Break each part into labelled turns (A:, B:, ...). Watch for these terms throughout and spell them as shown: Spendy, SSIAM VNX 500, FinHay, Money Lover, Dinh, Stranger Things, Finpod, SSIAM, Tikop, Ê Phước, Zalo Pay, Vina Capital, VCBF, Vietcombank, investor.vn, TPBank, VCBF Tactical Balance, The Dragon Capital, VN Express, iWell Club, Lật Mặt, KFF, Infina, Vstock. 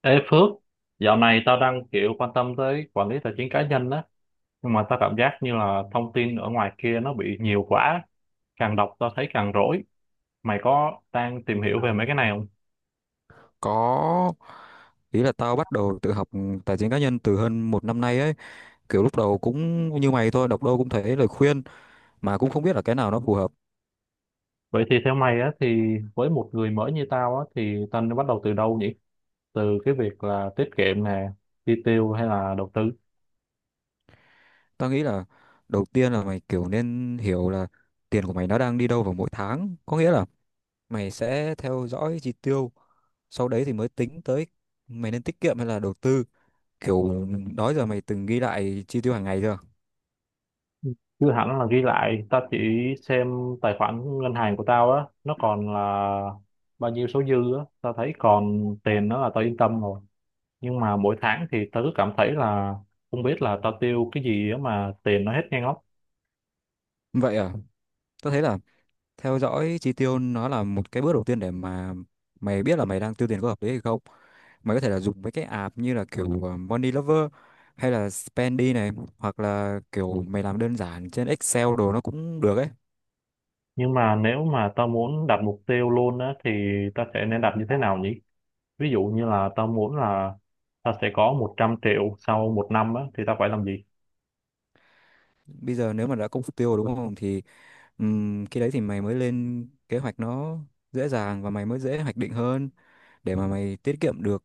A: Ê Phước, dạo này tao đang quan tâm tới quản lý tài chính cá nhân á, nhưng mà tao cảm giác như là thông tin ở ngoài kia nó bị nhiều quá, càng đọc tao thấy càng rối. Mày có đang tìm hiểu về mấy cái này không?
B: Có, ý là tao bắt đầu tự học tài chính cá nhân từ hơn một năm nay ấy. Kiểu lúc đầu cũng như mày thôi, đọc đâu cũng thấy lời khuyên mà cũng không biết là cái nào nó phù hợp.
A: Vậy thì theo mày á, thì với một người mới như tao á, thì tao nên bắt đầu từ đâu nhỉ? Từ cái việc là tiết kiệm nè, chi tiêu hay là đầu tư?
B: Tao nghĩ là đầu tiên là mày kiểu nên hiểu là tiền của mày nó đang đi đâu vào mỗi tháng, có nghĩa là mày sẽ theo dõi chi tiêu. Sau đấy thì mới tính tới mày nên tiết kiệm hay là đầu tư. Kiểu, đó giờ mày từng ghi lại chi tiêu hàng ngày chưa?
A: Chứ hẳn là ghi lại, tao chỉ xem tài khoản ngân hàng của tao á, nó còn là bao nhiêu số dư á, tao thấy còn tiền nó là tao yên tâm rồi. Nhưng mà mỗi tháng thì tao cứ cảm thấy là không biết là tao tiêu cái gì á mà tiền nó hết nhanh óc.
B: Vậy à. Tao thấy là theo dõi chi tiêu nó là một cái bước đầu tiên để mà mày biết là mày đang tiêu tiền có hợp lý hay không. Mày có thể là dùng mấy cái app như là kiểu Money Lover hay là Spendy này, hoặc là kiểu mày làm đơn giản trên Excel đồ nó cũng được ấy.
A: Nhưng mà nếu mà tao muốn đặt mục tiêu luôn á thì tao sẽ nên đặt như thế nào nhỉ? Ví dụ như là tao muốn là tao sẽ có 100 triệu sau 1 năm á thì tao phải làm gì?
B: Bây giờ nếu mà đã công sức tiêu rồi đúng không thì khi đấy thì mày mới lên kế hoạch nó dễ dàng và mày mới dễ hoạch định hơn, để mà mày tiết kiệm được.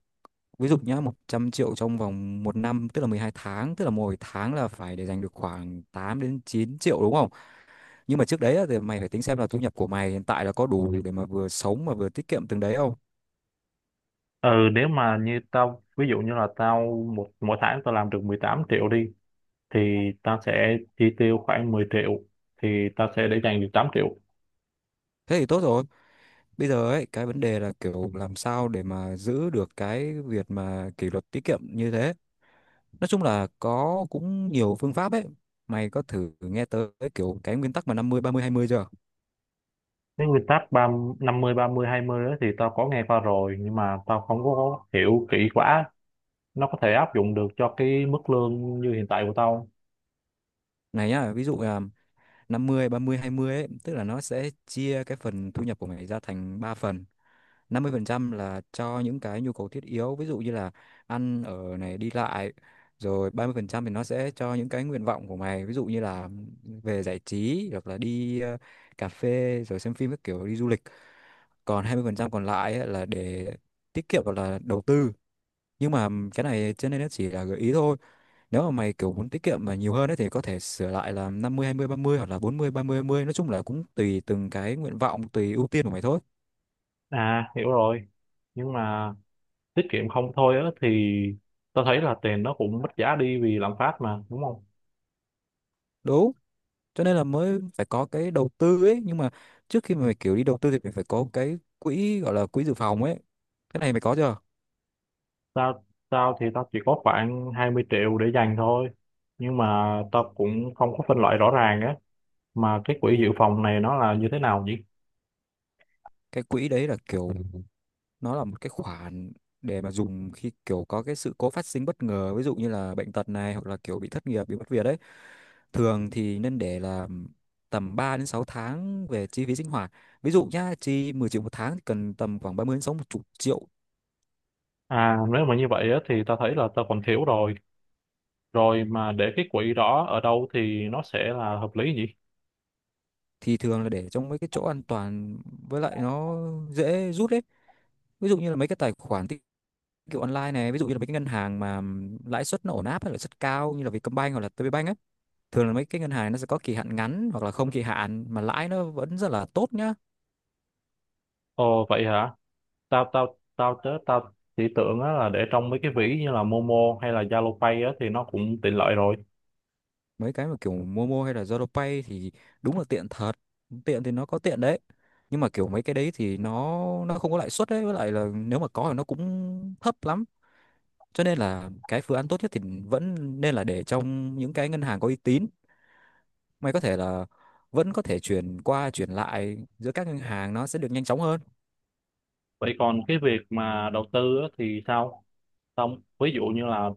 B: Ví dụ nhá, 100 triệu trong vòng một năm tức là 12 tháng, tức là mỗi tháng là phải để dành được khoảng 8 đến 9 triệu, đúng không? Nhưng mà trước đấy á, thì mày phải tính xem là thu nhập của mày hiện tại là có đủ để mà vừa sống mà vừa tiết kiệm từng đấy không.
A: Ừ, nếu mà như tao ví dụ như là tao một mỗi tháng tao làm được 18 triệu đi, thì tao sẽ chi tiêu khoảng 10 triệu, thì tao sẽ để dành được 8 triệu.
B: Thế thì tốt rồi. Bây giờ ấy cái vấn đề là kiểu làm sao để mà giữ được cái việc mà kỷ luật tiết kiệm như thế. Nói chung là có cũng nhiều phương pháp ấy. Mày có thử nghe tới kiểu cái nguyên tắc mà 50 30 20 chưa?
A: Cái nguyên tắc 50 30 20 đó thì tao có nghe qua rồi, nhưng mà tao không có hiểu kỹ quá. Nó có thể áp dụng được cho cái mức lương như hiện tại của tao?
B: Này nhá, ví dụ là 50 30 20 ấy, tức là nó sẽ chia cái phần thu nhập của mày ra thành 3 phần. 50% là cho những cái nhu cầu thiết yếu, ví dụ như là ăn ở này, đi lại. Rồi 30% thì nó sẽ cho những cái nguyện vọng của mày, ví dụ như là về giải trí hoặc là đi cà phê, rồi xem phim các kiểu, đi du lịch. Còn 20% còn lại ấy là để tiết kiệm hoặc là đầu tư. Nhưng mà cái này cho nên nó chỉ là gợi ý thôi. Nếu mà mày kiểu muốn tiết kiệm mà nhiều hơn ấy, thì có thể sửa lại là 50 20 30 hoặc là 40 30 20, nói chung là cũng tùy từng cái nguyện vọng, tùy ưu tiên của mày thôi.
A: À, hiểu rồi. Nhưng mà tiết kiệm không thôi á thì tao thấy là tiền nó cũng mất giá đi vì lạm phát mà đúng không?
B: Đúng. Cho nên là mới phải có cái đầu tư ấy, nhưng mà trước khi mà mày kiểu đi đầu tư thì mày phải có cái quỹ gọi là quỹ dự phòng ấy. Cái này mày có chưa?
A: Tao tao thì tao chỉ có khoảng 20 triệu để dành thôi, nhưng mà tao cũng không có phân loại rõ ràng á. Mà cái quỹ dự phòng này nó là như thế nào nhỉ?
B: Cái quỹ đấy là kiểu nó là một cái khoản để mà dùng khi kiểu có cái sự cố phát sinh bất ngờ, ví dụ như là bệnh tật này, hoặc là kiểu bị thất nghiệp, bị mất việc ấy. Thường thì nên để là tầm 3 đến 6 tháng về chi phí sinh hoạt. Ví dụ nhá, chi 10 triệu một tháng thì cần tầm khoảng 30 đến 60 triệu.
A: À, nếu mà như vậy á thì tao thấy là tao còn thiếu rồi. Rồi mà để cái quỹ đó ở đâu thì nó sẽ là hợp lý gì?
B: Thì thường là để trong mấy cái chỗ an toàn, với lại nó dễ rút ấy. Ví dụ như là mấy cái tài khoản tiết kiệm online này, ví dụ như là mấy cái ngân hàng mà lãi suất nó ổn áp hay lãi suất cao như là Vietcombank hoặc là TPBank ấy. Thường là mấy cái ngân hàng nó sẽ có kỳ hạn ngắn hoặc là không kỳ hạn mà lãi nó vẫn rất là tốt nhá.
A: Ồ, vậy hả? Tao tao tao tớ tao chỉ tưởng á là để trong mấy cái ví như là Momo hay là Zalo Pay á thì nó cũng tiện lợi rồi.
B: Mấy cái mà kiểu Momo hay là ZaloPay thì đúng là tiện thật, tiện thì nó có tiện đấy, nhưng mà kiểu mấy cái đấy thì nó không có lãi suất đấy, với lại là nếu mà có thì nó cũng thấp lắm. Cho nên là cái phương án tốt nhất thì vẫn nên là để trong những cái ngân hàng có uy tín. Mày có thể là vẫn có thể chuyển qua chuyển lại giữa các ngân hàng, nó sẽ được nhanh chóng hơn.
A: Vậy còn cái việc mà đầu tư á thì sao? Tao ví dụ như là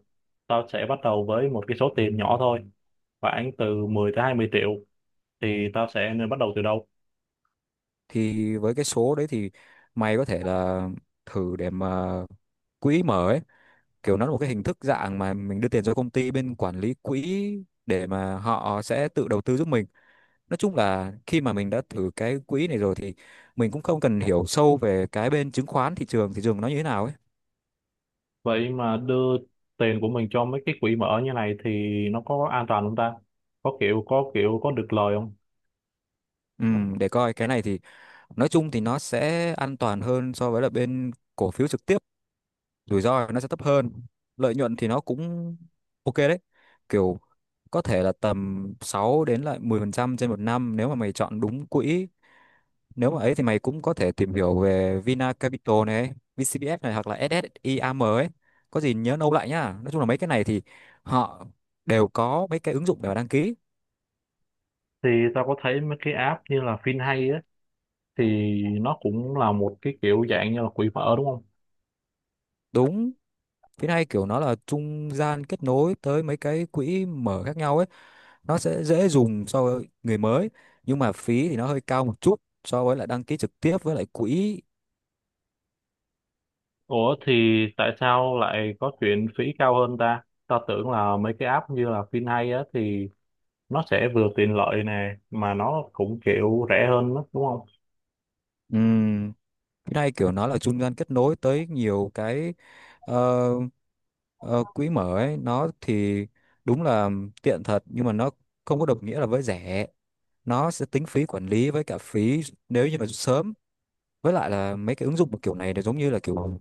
A: tao sẽ bắt đầu với một cái số tiền nhỏ thôi, khoảng từ 10 tới 20 triệu, thì tao sẽ nên bắt đầu từ đâu?
B: Thì với cái số đấy thì mày có thể là thử để mà quỹ mở ấy, kiểu nó là một cái hình thức dạng mà mình đưa tiền cho công ty bên quản lý quỹ để mà họ sẽ tự đầu tư giúp mình. Nói chung là khi mà mình đã thử cái quỹ này rồi thì mình cũng không cần hiểu sâu về cái bên chứng khoán, thị trường nó như thế nào ấy.
A: Vậy mà đưa tiền của mình cho mấy cái quỹ mở như này thì nó có an toàn không ta? Có kiểu có kiểu có được lời không?
B: Ừ, để coi cái này thì nói chung thì nó sẽ an toàn hơn so với là bên cổ phiếu trực tiếp, rủi ro nó sẽ thấp hơn, lợi nhuận thì nó cũng ok đấy. Kiểu có thể là tầm 6 đến lại 10% trên một năm nếu mà mày chọn đúng quỹ. Nếu mà ấy thì mày cũng có thể tìm hiểu về Vina Capital này, VCBF này, hoặc là SSIAM ấy. Có gì nhớ nâu lại nhá, nói chung là mấy cái này thì họ đều có mấy cái ứng dụng để mà đăng ký.
A: Thì tao có thấy mấy cái app như là FinHay á thì nó cũng là một cái kiểu dạng như là quỹ mở đúng không?
B: Đúng. Phía này kiểu nó là trung gian kết nối tới mấy cái quỹ mở khác nhau ấy, nó sẽ dễ dùng so với người mới, nhưng mà phí thì nó hơi cao một chút so với lại đăng ký trực tiếp với lại quỹ.
A: Ủa thì tại sao lại có chuyện phí cao hơn ta? Tao tưởng là mấy cái app như là FinHay á thì nó sẽ vừa tiện lợi nè mà nó cũng kiểu rẻ hơn đó, đúng không?
B: Ừm, cái này kiểu nó là trung gian kết nối tới nhiều cái ờ, ờ, quỹ mở ấy, nó thì đúng là tiện thật nhưng mà nó không có đồng nghĩa là với rẻ. Nó sẽ tính phí quản lý với cả phí nếu như mà sớm. Với lại là mấy cái ứng dụng mà kiểu này nó giống như là kiểu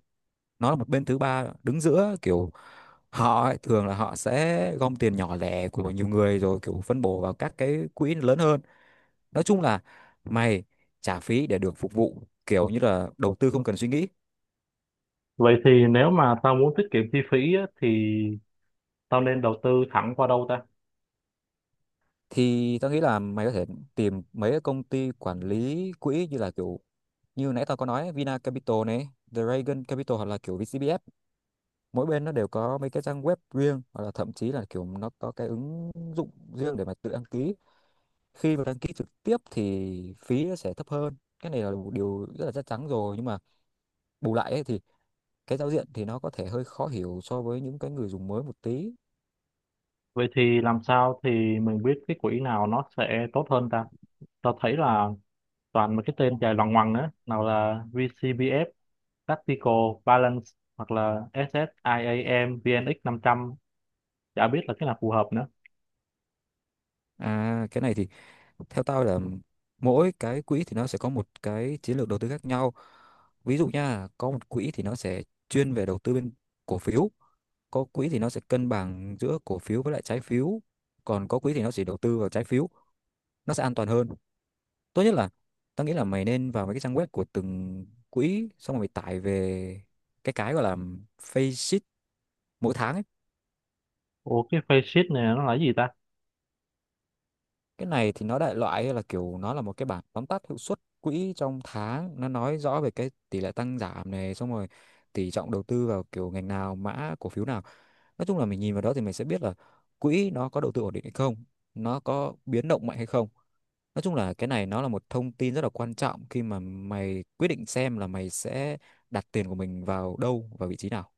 B: nó là một bên thứ ba đứng giữa, kiểu họ ấy, thường là họ sẽ gom tiền nhỏ lẻ của nhiều người rồi kiểu phân bổ vào các cái quỹ lớn hơn. Nói chung là mày trả phí để được phục vụ kiểu như là đầu tư không cần suy nghĩ.
A: Vậy thì nếu mà tao muốn tiết kiệm chi phí á thì tao nên đầu tư thẳng qua đâu ta?
B: Thì tao nghĩ là mày có thể tìm mấy cái công ty quản lý quỹ như là kiểu như nãy tao có nói, Vina Capital này, The Dragon Capital, hoặc là kiểu VCBF. Mỗi bên nó đều có mấy cái trang web riêng, hoặc là thậm chí là kiểu nó có cái ứng dụng riêng để mà tự đăng ký. Khi mà đăng ký trực tiếp thì phí nó sẽ thấp hơn, cái này là một điều rất là chắc chắn rồi, nhưng mà bù lại ấy, thì cái giao diện thì nó có thể hơi khó hiểu so với những cái người dùng mới một tí.
A: Vậy thì làm sao thì mình biết cái quỹ nào nó sẽ tốt hơn ta? Tao thấy là toàn mấy cái tên dài loằng ngoằng á, nào là VCBF Tactical Balance hoặc là SSIAM VNX 500, chả biết là cái nào phù hợp nữa.
B: À, cái này thì theo tao là mỗi cái quỹ thì nó sẽ có một cái chiến lược đầu tư khác nhau. Ví dụ nha, có một quỹ thì nó sẽ chuyên về đầu tư bên cổ phiếu, có quỹ thì nó sẽ cân bằng giữa cổ phiếu với lại trái phiếu, còn có quỹ thì nó chỉ đầu tư vào trái phiếu, nó sẽ an toàn hơn. Tốt nhất là tao nghĩ là mày nên vào mấy cái trang web của từng quỹ xong rồi mày tải về cái gọi là face sheet mỗi tháng ấy.
A: Ủa cái face sheet này nó là cái gì ta?
B: Cái này thì nó đại loại là kiểu nó là một cái bảng tóm tắt hiệu suất quỹ trong tháng, nó nói rõ về cái tỷ lệ tăng giảm này, xong rồi tỷ trọng đầu tư vào kiểu ngành nào, mã cổ phiếu nào. Nói chung là mình nhìn vào đó thì mình sẽ biết là quỹ nó có đầu tư ổn định hay không, nó có biến động mạnh hay không. Nói chung là cái này nó là một thông tin rất là quan trọng khi mà mày quyết định xem là mày sẽ đặt tiền của mình vào đâu và vị trí nào.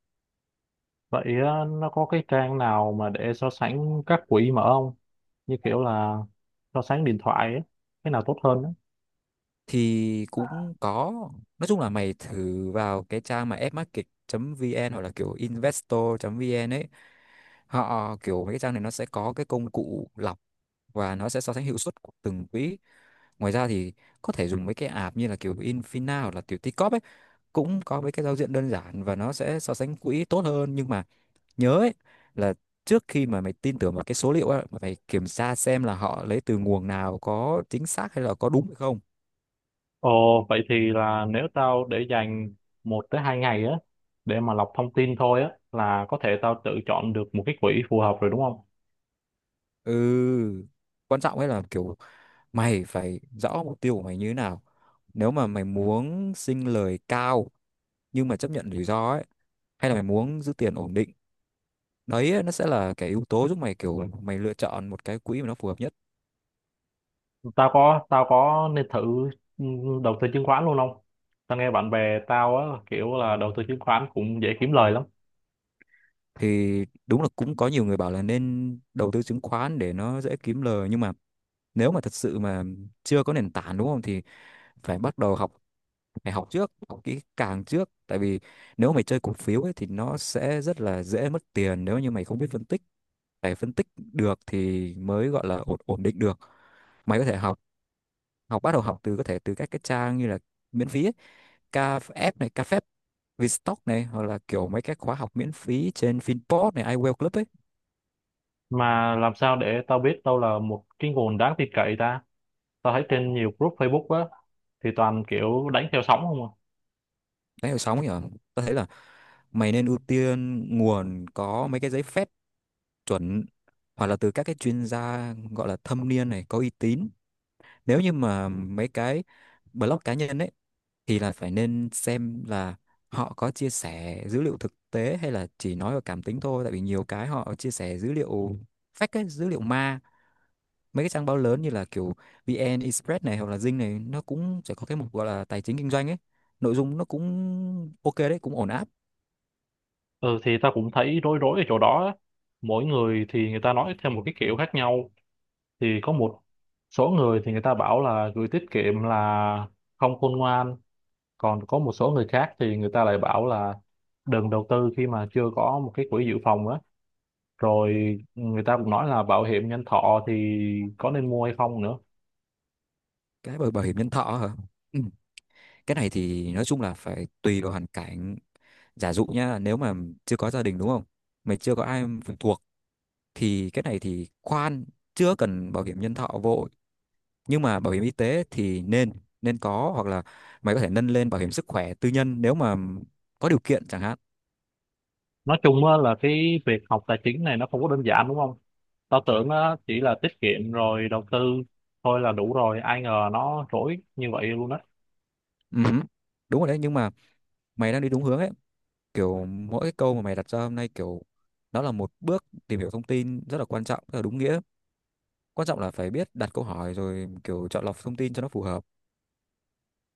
A: Vậy nó có cái trang nào mà để so sánh các quỹ mở không, như kiểu là so sánh điện thoại ấy, cái nào tốt hơn á?
B: Thì cũng có, nói chung là mày thử vào cái trang mà fmarket.vn hoặc là kiểu investor.vn ấy, họ kiểu mấy cái trang này nó sẽ có cái công cụ lọc và nó sẽ so sánh hiệu suất của từng quỹ. Ngoài ra thì có thể dùng mấy cái app như là kiểu Infina hoặc là kiểu Tikop ấy, cũng có mấy cái giao diện đơn giản và nó sẽ so sánh quỹ tốt hơn, nhưng mà nhớ ấy, là trước khi mà mày tin tưởng vào cái số liệu á, mày phải kiểm tra xem là họ lấy từ nguồn nào, có chính xác hay là có đúng hay không.
A: Ồ, vậy thì là nếu tao để dành 1 tới 2 ngày á để mà lọc thông tin thôi á là có thể tao tự chọn được một cái quỹ phù hợp rồi đúng không?
B: Ừ, quan trọng ấy là kiểu mày phải rõ mục tiêu của mày như thế nào. Nếu mà mày muốn sinh lời cao nhưng mà chấp nhận rủi ro ấy, hay là mày muốn giữ tiền ổn định, đấy ấy, nó sẽ là cái yếu tố giúp mày kiểu mày lựa chọn một cái quỹ mà nó phù hợp nhất.
A: Tao có nên thử ừ, đầu tư chứng khoán luôn không? Tao nghe bạn bè tao á kiểu là đầu tư chứng khoán cũng dễ kiếm lời lắm.
B: Thì đúng là cũng có nhiều người bảo là nên đầu tư chứng khoán để nó dễ kiếm lời, nhưng mà nếu mà thật sự mà chưa có nền tảng đúng không thì phải bắt đầu học, phải học trước, học kỹ càng trước, tại vì nếu mày chơi cổ phiếu ấy thì nó sẽ rất là dễ mất tiền nếu như mày không biết phân tích, phải phân tích được thì mới gọi là ổn ổn định được. Mày có thể học, học bắt đầu học từ có thể từ các cái trang như là miễn phí ấy, KF này, KFF, Vstock này, hoặc là kiểu mấy cái khóa học miễn phí trên Finpod này, iWell Club ấy,
A: Mà làm sao để tao biết đâu là một cái nguồn đáng tin cậy ta? Tao thấy trên nhiều group Facebook á thì toàn kiểu đánh theo sóng không à?
B: đấy đầu sóng nhở hả? Tao thấy là mày nên ưu tiên nguồn có mấy cái giấy phép chuẩn, hoặc là từ các cái chuyên gia gọi là thâm niên này, có uy tín. Nếu như mà mấy cái blog cá nhân ấy thì là phải nên xem là họ có chia sẻ dữ liệu thực tế hay là chỉ nói vào cảm tính thôi, tại vì nhiều cái họ chia sẻ dữ liệu fake ấy, dữ liệu ma. Mấy cái trang báo lớn như là kiểu VN Express này hoặc là Dinh này nó cũng sẽ có cái mục gọi là tài chính kinh doanh ấy, nội dung nó cũng ok đấy, cũng ổn áp.
A: Ừ thì tao cũng thấy rối rối ở chỗ đó á. Mỗi người thì người ta nói theo một cái kiểu khác nhau. Thì có một số người thì người ta bảo là gửi tiết kiệm là không khôn ngoan, còn có một số người khác thì người ta lại bảo là đừng đầu tư khi mà chưa có một cái quỹ dự phòng á, rồi người ta cũng nói là bảo hiểm nhân thọ thì có nên mua hay không nữa.
B: Cái bảo bảo hiểm nhân thọ hả? Ừ. Cái này thì nói chung là phải tùy vào hoàn cảnh. Giả dụ nhá, nếu mà chưa có gia đình đúng không, mày chưa có ai phụ thuộc, thì cái này thì khoan, chưa cần bảo hiểm nhân thọ vội. Nhưng mà bảo hiểm y tế thì nên nên có, hoặc là mày có thể nâng lên bảo hiểm sức khỏe tư nhân nếu mà có điều kiện chẳng hạn.
A: Nói chung á là cái việc học tài chính này nó không có đơn giản đúng không? Tao tưởng á chỉ là tiết kiệm rồi đầu tư thôi là đủ rồi, ai ngờ nó rối như vậy luôn á.
B: Ừ, đúng rồi đấy, nhưng mà mày đang đi đúng hướng ấy, kiểu mỗi cái câu mà mày đặt ra hôm nay kiểu nó là một bước tìm hiểu thông tin rất là quan trọng, rất là đúng nghĩa. Quan trọng là phải biết đặt câu hỏi, rồi kiểu chọn lọc thông tin cho nó phù hợp.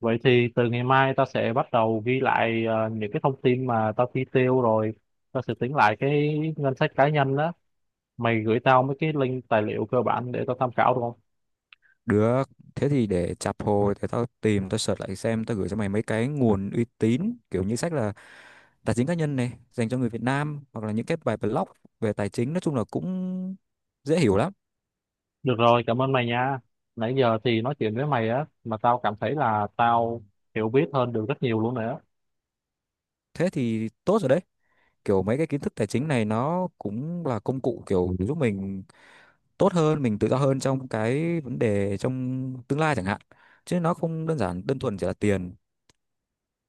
A: Vậy thì từ ngày mai tao sẽ bắt đầu ghi lại những cái thông tin mà tao chi tiêu, rồi tao sẽ tính lại cái ngân sách cá nhân đó. Mày gửi tao mấy cái link tài liệu cơ bản để tao tham khảo được không?
B: Được, thế thì để chạp hồi thì tao tìm, tao search lại xem, tao gửi cho mày mấy cái nguồn uy tín kiểu như sách là tài chính cá nhân này dành cho người Việt Nam, hoặc là những cái bài blog về tài chính, nói chung là cũng dễ hiểu lắm.
A: Được rồi, cảm ơn mày nha. Nãy giờ thì nói chuyện với mày á mà tao cảm thấy là tao hiểu biết hơn được rất nhiều luôn nè.
B: Thế thì tốt rồi đấy. Kiểu mấy cái kiến thức tài chính này nó cũng là công cụ kiểu giúp mình tốt hơn, mình tự do hơn trong cái vấn đề trong tương lai chẳng hạn. Chứ nó không đơn giản đơn thuần chỉ là tiền.